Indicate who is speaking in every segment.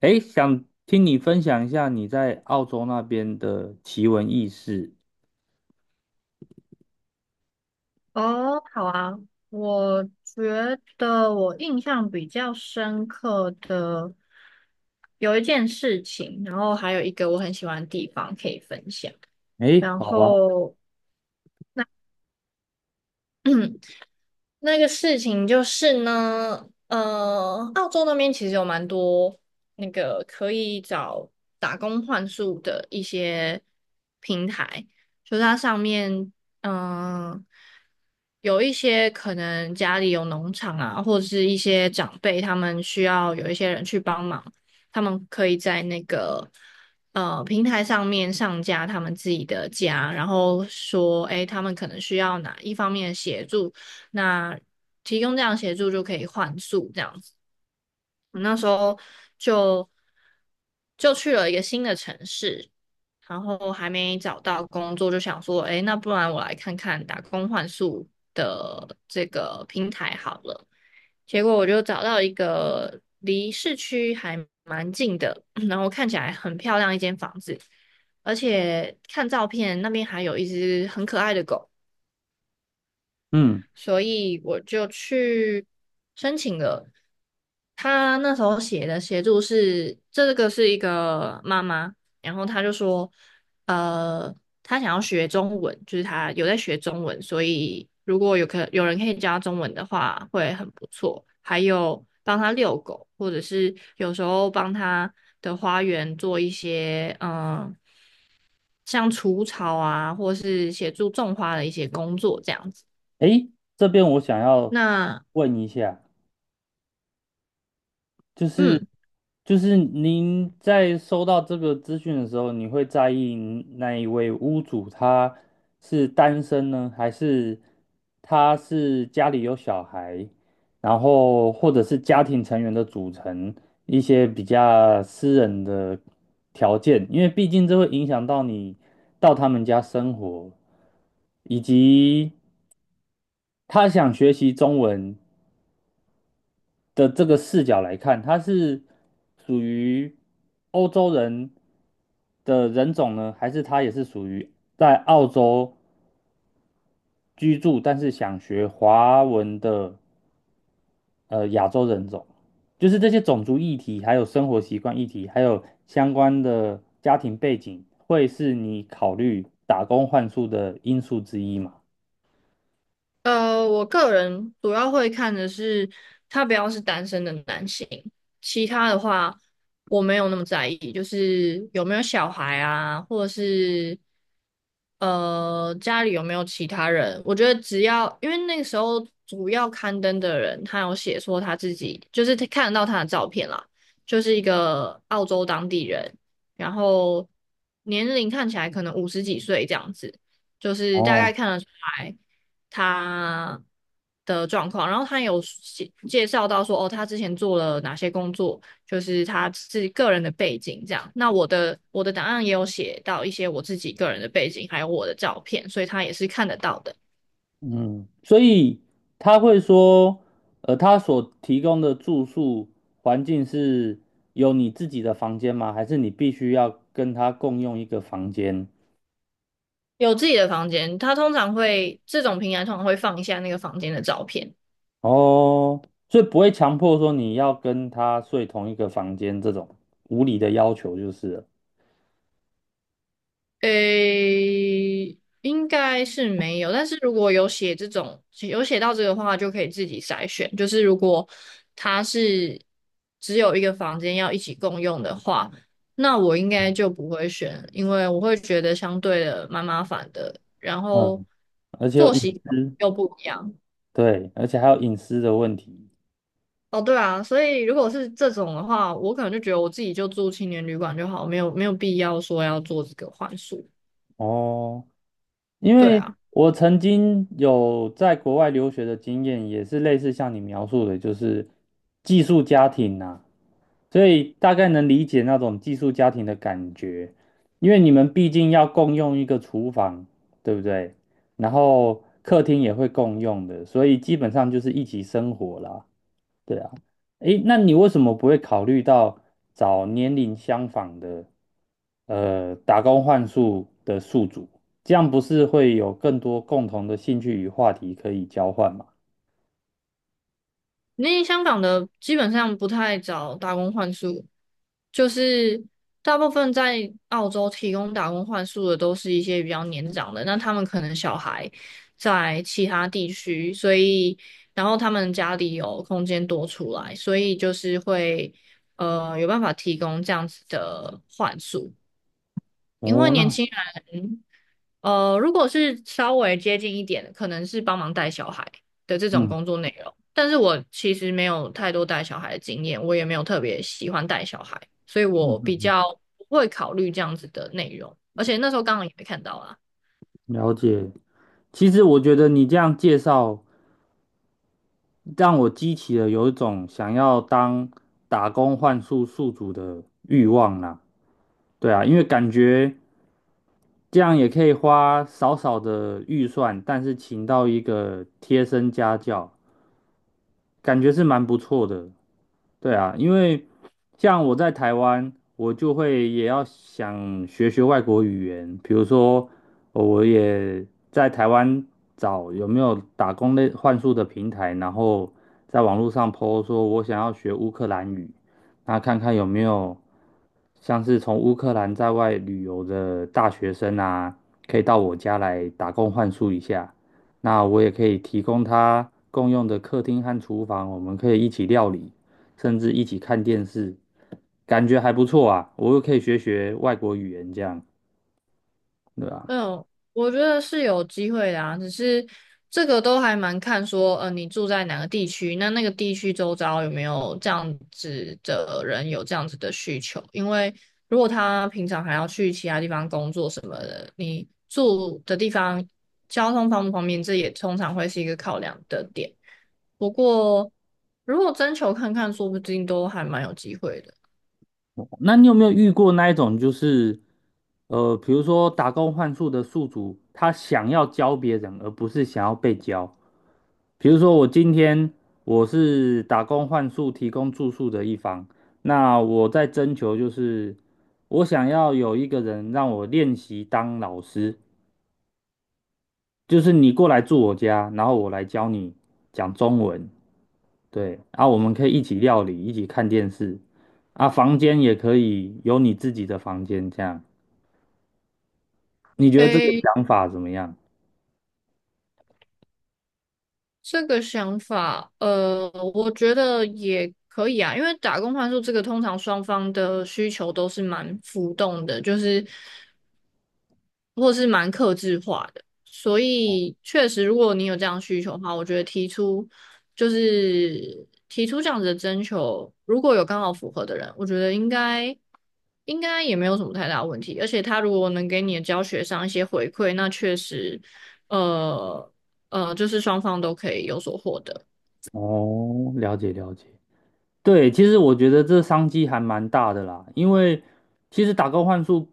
Speaker 1: 诶，想听你分享一下你在澳洲那边的奇闻异事。
Speaker 2: 哦，好啊，我觉得我印象比较深刻的有一件事情，然后还有一个我很喜欢的地方可以分享。
Speaker 1: 诶，
Speaker 2: 然
Speaker 1: 好啊。
Speaker 2: 后 那个事情就是呢，澳洲那边其实有蛮多那个可以找打工换宿的一些平台，就是它上面，嗯、有一些可能家里有农场啊，或者是一些长辈，他们需要有一些人去帮忙，他们可以在那个平台上面上架他们自己的家，然后说，诶，他们可能需要哪一方面的协助。那提供这样协助就可以换宿这样子。我那时候就就去了一个新的城市，然后还没找到工作，就想说，哎，那不然我来看看打工换宿的这个平台好了。结果我就找到一个离市区还蛮近的，然后看起来很漂亮一间房子，而且看照片那边还有一只很可爱的狗。
Speaker 1: 嗯。
Speaker 2: 所以我就去申请了。他那时候写的协助是，这个是一个妈妈，然后他就说，呃，他想要学中文，就是他有在学中文，所以如果有人可以教他中文的话，会很不错。还有帮他遛狗，或者是有时候帮他的花园做一些，像除草啊，或是协助种花的一些工作这样子。
Speaker 1: 诶，这边我想要
Speaker 2: 那
Speaker 1: 问一下，就是
Speaker 2: 嗯，
Speaker 1: 就是您在收到这个资讯的时候，你会在意那一位屋主他是单身呢，还是他是家里有小孩，然后或者是家庭成员的组成一些比较私人的条件，因为毕竟这会影响到你到他们家生活，以及他想学习中文。的这个视角来看，它是属于欧洲人的人种呢，还是他也是属于在澳洲居住，但是想学华文的亚洲人种？就是这些种族议题，还有生活习惯议题，还有相关的家庭背景，会是你考虑打工换宿的因素之一嘛？
Speaker 2: 我个人主要会看的是他不要是单身的男性，其他的话我没有那么在意，就是有没有小孩啊，或者是家里有没有其他人。我觉得只要因为那个时候主要刊登的人，他有写说他自己就是他看得到他的照片啦，就是一个澳洲当地人，然后年龄看起来可能五十几岁这样子，就是大
Speaker 1: 哦。
Speaker 2: 概看得出来。他的状况，然后他有介绍到说，哦，他之前做了哪些工作，就是他自己个人的背景这样。那我的档案也有写到一些我自己个人的背景，还有我的照片，所以他也是看得到的。
Speaker 1: 嗯，所以他会说，他所提供的住宿环境是有你自己的房间吗？还是你必须要跟他共用一个房间？
Speaker 2: 有自己的房间，他通常会这种平台通常会放一下那个房间的照片，
Speaker 1: 哦，所以不会强迫说你要跟他睡同一个房间这种无理的要求就是了。
Speaker 2: 诶，应该是没有，但是如果有写到这个的话，就可以自己筛选。就是如果他是只有一个房间要一起共用的话，那我应该就不会选，因为我会觉得相对的蛮麻烦的，然后
Speaker 1: 嗯，而且有
Speaker 2: 作
Speaker 1: 隐
Speaker 2: 息
Speaker 1: 私。
Speaker 2: 又不一样。
Speaker 1: 对，而且还有隐私的问题。
Speaker 2: 哦，对啊，所以如果是这种的话，我可能就觉得我自己就住青年旅馆就好，没有必要说要做这个换宿。
Speaker 1: 哦，因
Speaker 2: 对
Speaker 1: 为
Speaker 2: 啊。
Speaker 1: 我曾经有在国外留学的经验，也是类似像你描述的，就是寄宿家庭呐、所以大概能理解那种寄宿家庭的感觉，因为你们毕竟要共用一个厨房，对不对？然后客厅也会共用的，所以基本上就是一起生活啦。对啊，诶，那你为什么不会考虑到找年龄相仿的，打工换宿的宿主？这样不是会有更多共同的兴趣与话题可以交换吗？
Speaker 2: 因为香港的基本上不太找打工换宿，就是大部分在澳洲提供打工换宿的都是一些比较年长的，那他们可能小孩在其他地区，所以然后他们家里有空间多出来，所以就是会有办法提供这样子的换宿，因为
Speaker 1: 哦，
Speaker 2: 年
Speaker 1: 那
Speaker 2: 轻人。如果是稍微接近一点的，可能是帮忙带小孩的这种
Speaker 1: 嗯
Speaker 2: 工作内容。但是我其实没有太多带小孩的经验，我也没有特别喜欢带小孩，所以我
Speaker 1: 嗯，
Speaker 2: 比较不会考虑这样子的内容。而且那时候刚好也没看到啊。
Speaker 1: 了解。其实我觉得你这样介绍，让我激起了有一种想要当打工换宿宿主的欲望啦。对啊，因为感觉。这样也可以花少少的预算，但是请到一个贴身家教，感觉是蛮不错的。对啊，因为像我在台湾，我就会也要想学学外国语言，比如说我也在台湾找有没有打工类换宿的平台，然后在网络上 po 说我想要学乌克兰语，那看看有没有像是从乌克兰在外旅游的大学生啊，可以到我家来打工换宿一下，那我也可以提供他共用的客厅和厨房，我们可以一起料理。甚至一起看电视，感觉还不错啊。我又可以学学外国语言，这样，对吧？
Speaker 2: 嗯，我觉得是有机会的啊，只是这个都还蛮看说，你住在哪个地区，那那个地区周遭有没有这样子的人有这样子的需求？因为如果他平常还要去其他地方工作什么的，你住的地方交通方不方便，这也通常会是一个考量的点。不过如果征求看看，说不定都还蛮有机会的。
Speaker 1: 那你有没有遇过那一种，就是比如说打工换宿的宿主，他想要教别人，而不是想要被教？比如说我今天我是打工换宿提供住宿的一方，那我在征求就是我想要有一个人让我练习当老师，就是你过来住我家，然后我来教你讲中文。对，啊，我们可以一起料理，一起看电视，啊，房间也可以有你自己的房间，这样，你觉得这个
Speaker 2: 诶，
Speaker 1: 想法怎么样？
Speaker 2: 这个想法，我觉得也可以啊，因为打工换宿这个通常双方的需求都是蛮浮动的，就是或是蛮克制化的，所以确实，如果你有这样需求的话，我觉得提出这样子的征求，如果有刚好符合的人，我觉得应该也没有什么太大问题，而且他如果能给你的教学上一些回馈，那确实，呃就是双方都可以有所获得。
Speaker 1: 哦，了解了解。对，其实我觉得这商机还蛮大的啦，因为其实打工换宿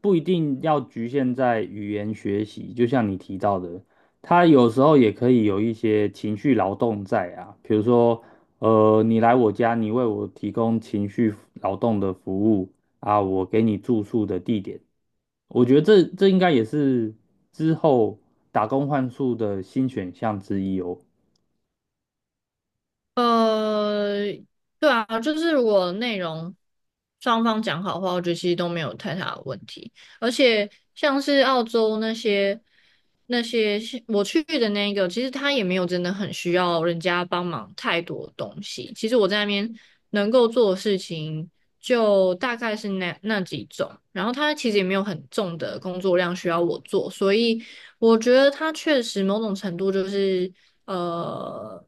Speaker 1: 不一定要局限在语言学习，就像你提到的，它有时候也可以有一些情绪劳动在啊，比如说，你来我家，你为我提供情绪劳动的服务啊，我给你住宿的地点，我觉得这这应该也是之后打工换宿的新选项之一哦。
Speaker 2: 呃，对啊，就是如果内容双方讲好的话，我觉得其实都没有太大的问题。而且像是澳洲那些我去的那个，其实他也没有真的很需要人家帮忙太多东西。其实我在那边能够做的事情就大概是那几种，然后他其实也没有很重的工作量需要我做，所以我觉得他确实某种程度就是呃。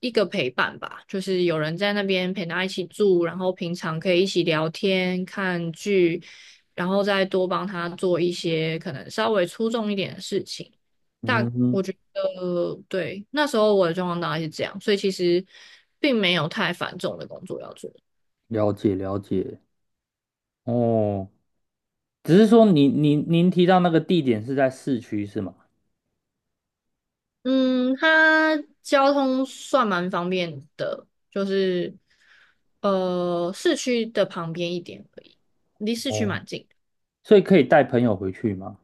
Speaker 2: 一个陪伴吧，就是有人在那边陪他一起住，然后平常可以一起聊天、看剧，然后再多帮他做一些可能稍微出众一点的事情。大
Speaker 1: 嗯哼，
Speaker 2: 对，那时候我的状况大概是这样，所以其实并没有太繁重的工作要做。
Speaker 1: 了解了解，哦。只是说您您您提到那个地点是在市区是吗？
Speaker 2: 嗯，它交通算蛮方便的，就是市区的旁边一点而已，离市区
Speaker 1: 哦，
Speaker 2: 蛮近。
Speaker 1: 所以可以带朋友回去吗？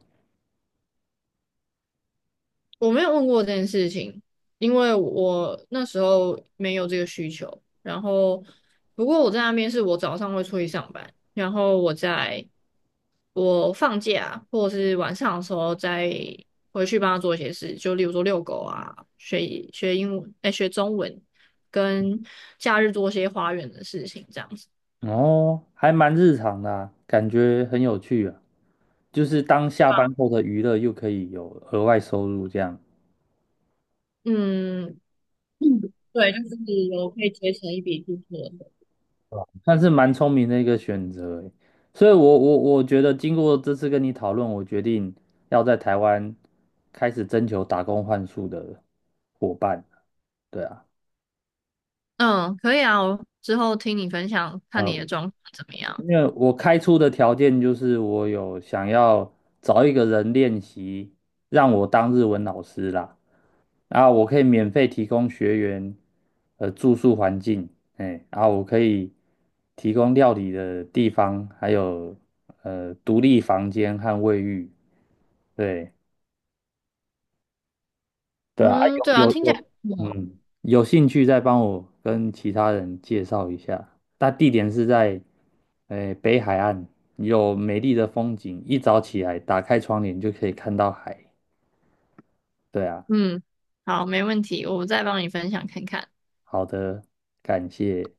Speaker 2: 我没有问过这件事情，因为我那时候没有这个需求。然后，不过我在那边是我早上会出去上班，然后我放假或者是晚上的时候再回去帮他做一些事，就例如说遛狗啊，学英文，哎，学中文，跟假日做一些花园的事情，这样子。
Speaker 1: 哦，还蛮日常的啊，感觉很有趣啊，就是当下班后的娱乐又可以有额外收入，这样
Speaker 2: 嗯，对，就是有可以结成一笔支出的
Speaker 1: 算是蛮聪明的一个选择欸。所以我，我觉得经过这次跟你讨论，我决定要在台湾开始征求打工换宿的伙伴。对啊，
Speaker 2: 嗯，可以啊，我之后听你分享，看
Speaker 1: 呃，
Speaker 2: 你的状况怎么样。
Speaker 1: 因为我开出的条件就是我有想要找一个人练习，让我当日文老师啦，然后我可以免费提供学员住宿环境，哎，然后我可以提供料理的地方，还有独立房间和卫浴，对，对啊，啊
Speaker 2: 嗯，对
Speaker 1: 有
Speaker 2: 啊，
Speaker 1: 有
Speaker 2: 听起来
Speaker 1: 有，
Speaker 2: 不错
Speaker 1: 嗯，有兴趣再帮我跟其他人介绍一下。那地点是在，诶，北海岸，有美丽的风景，一早起来打开窗帘就可以看到海。对啊，
Speaker 2: 嗯，好，没问题，我再帮你分享看看。
Speaker 1: 好的，感谢。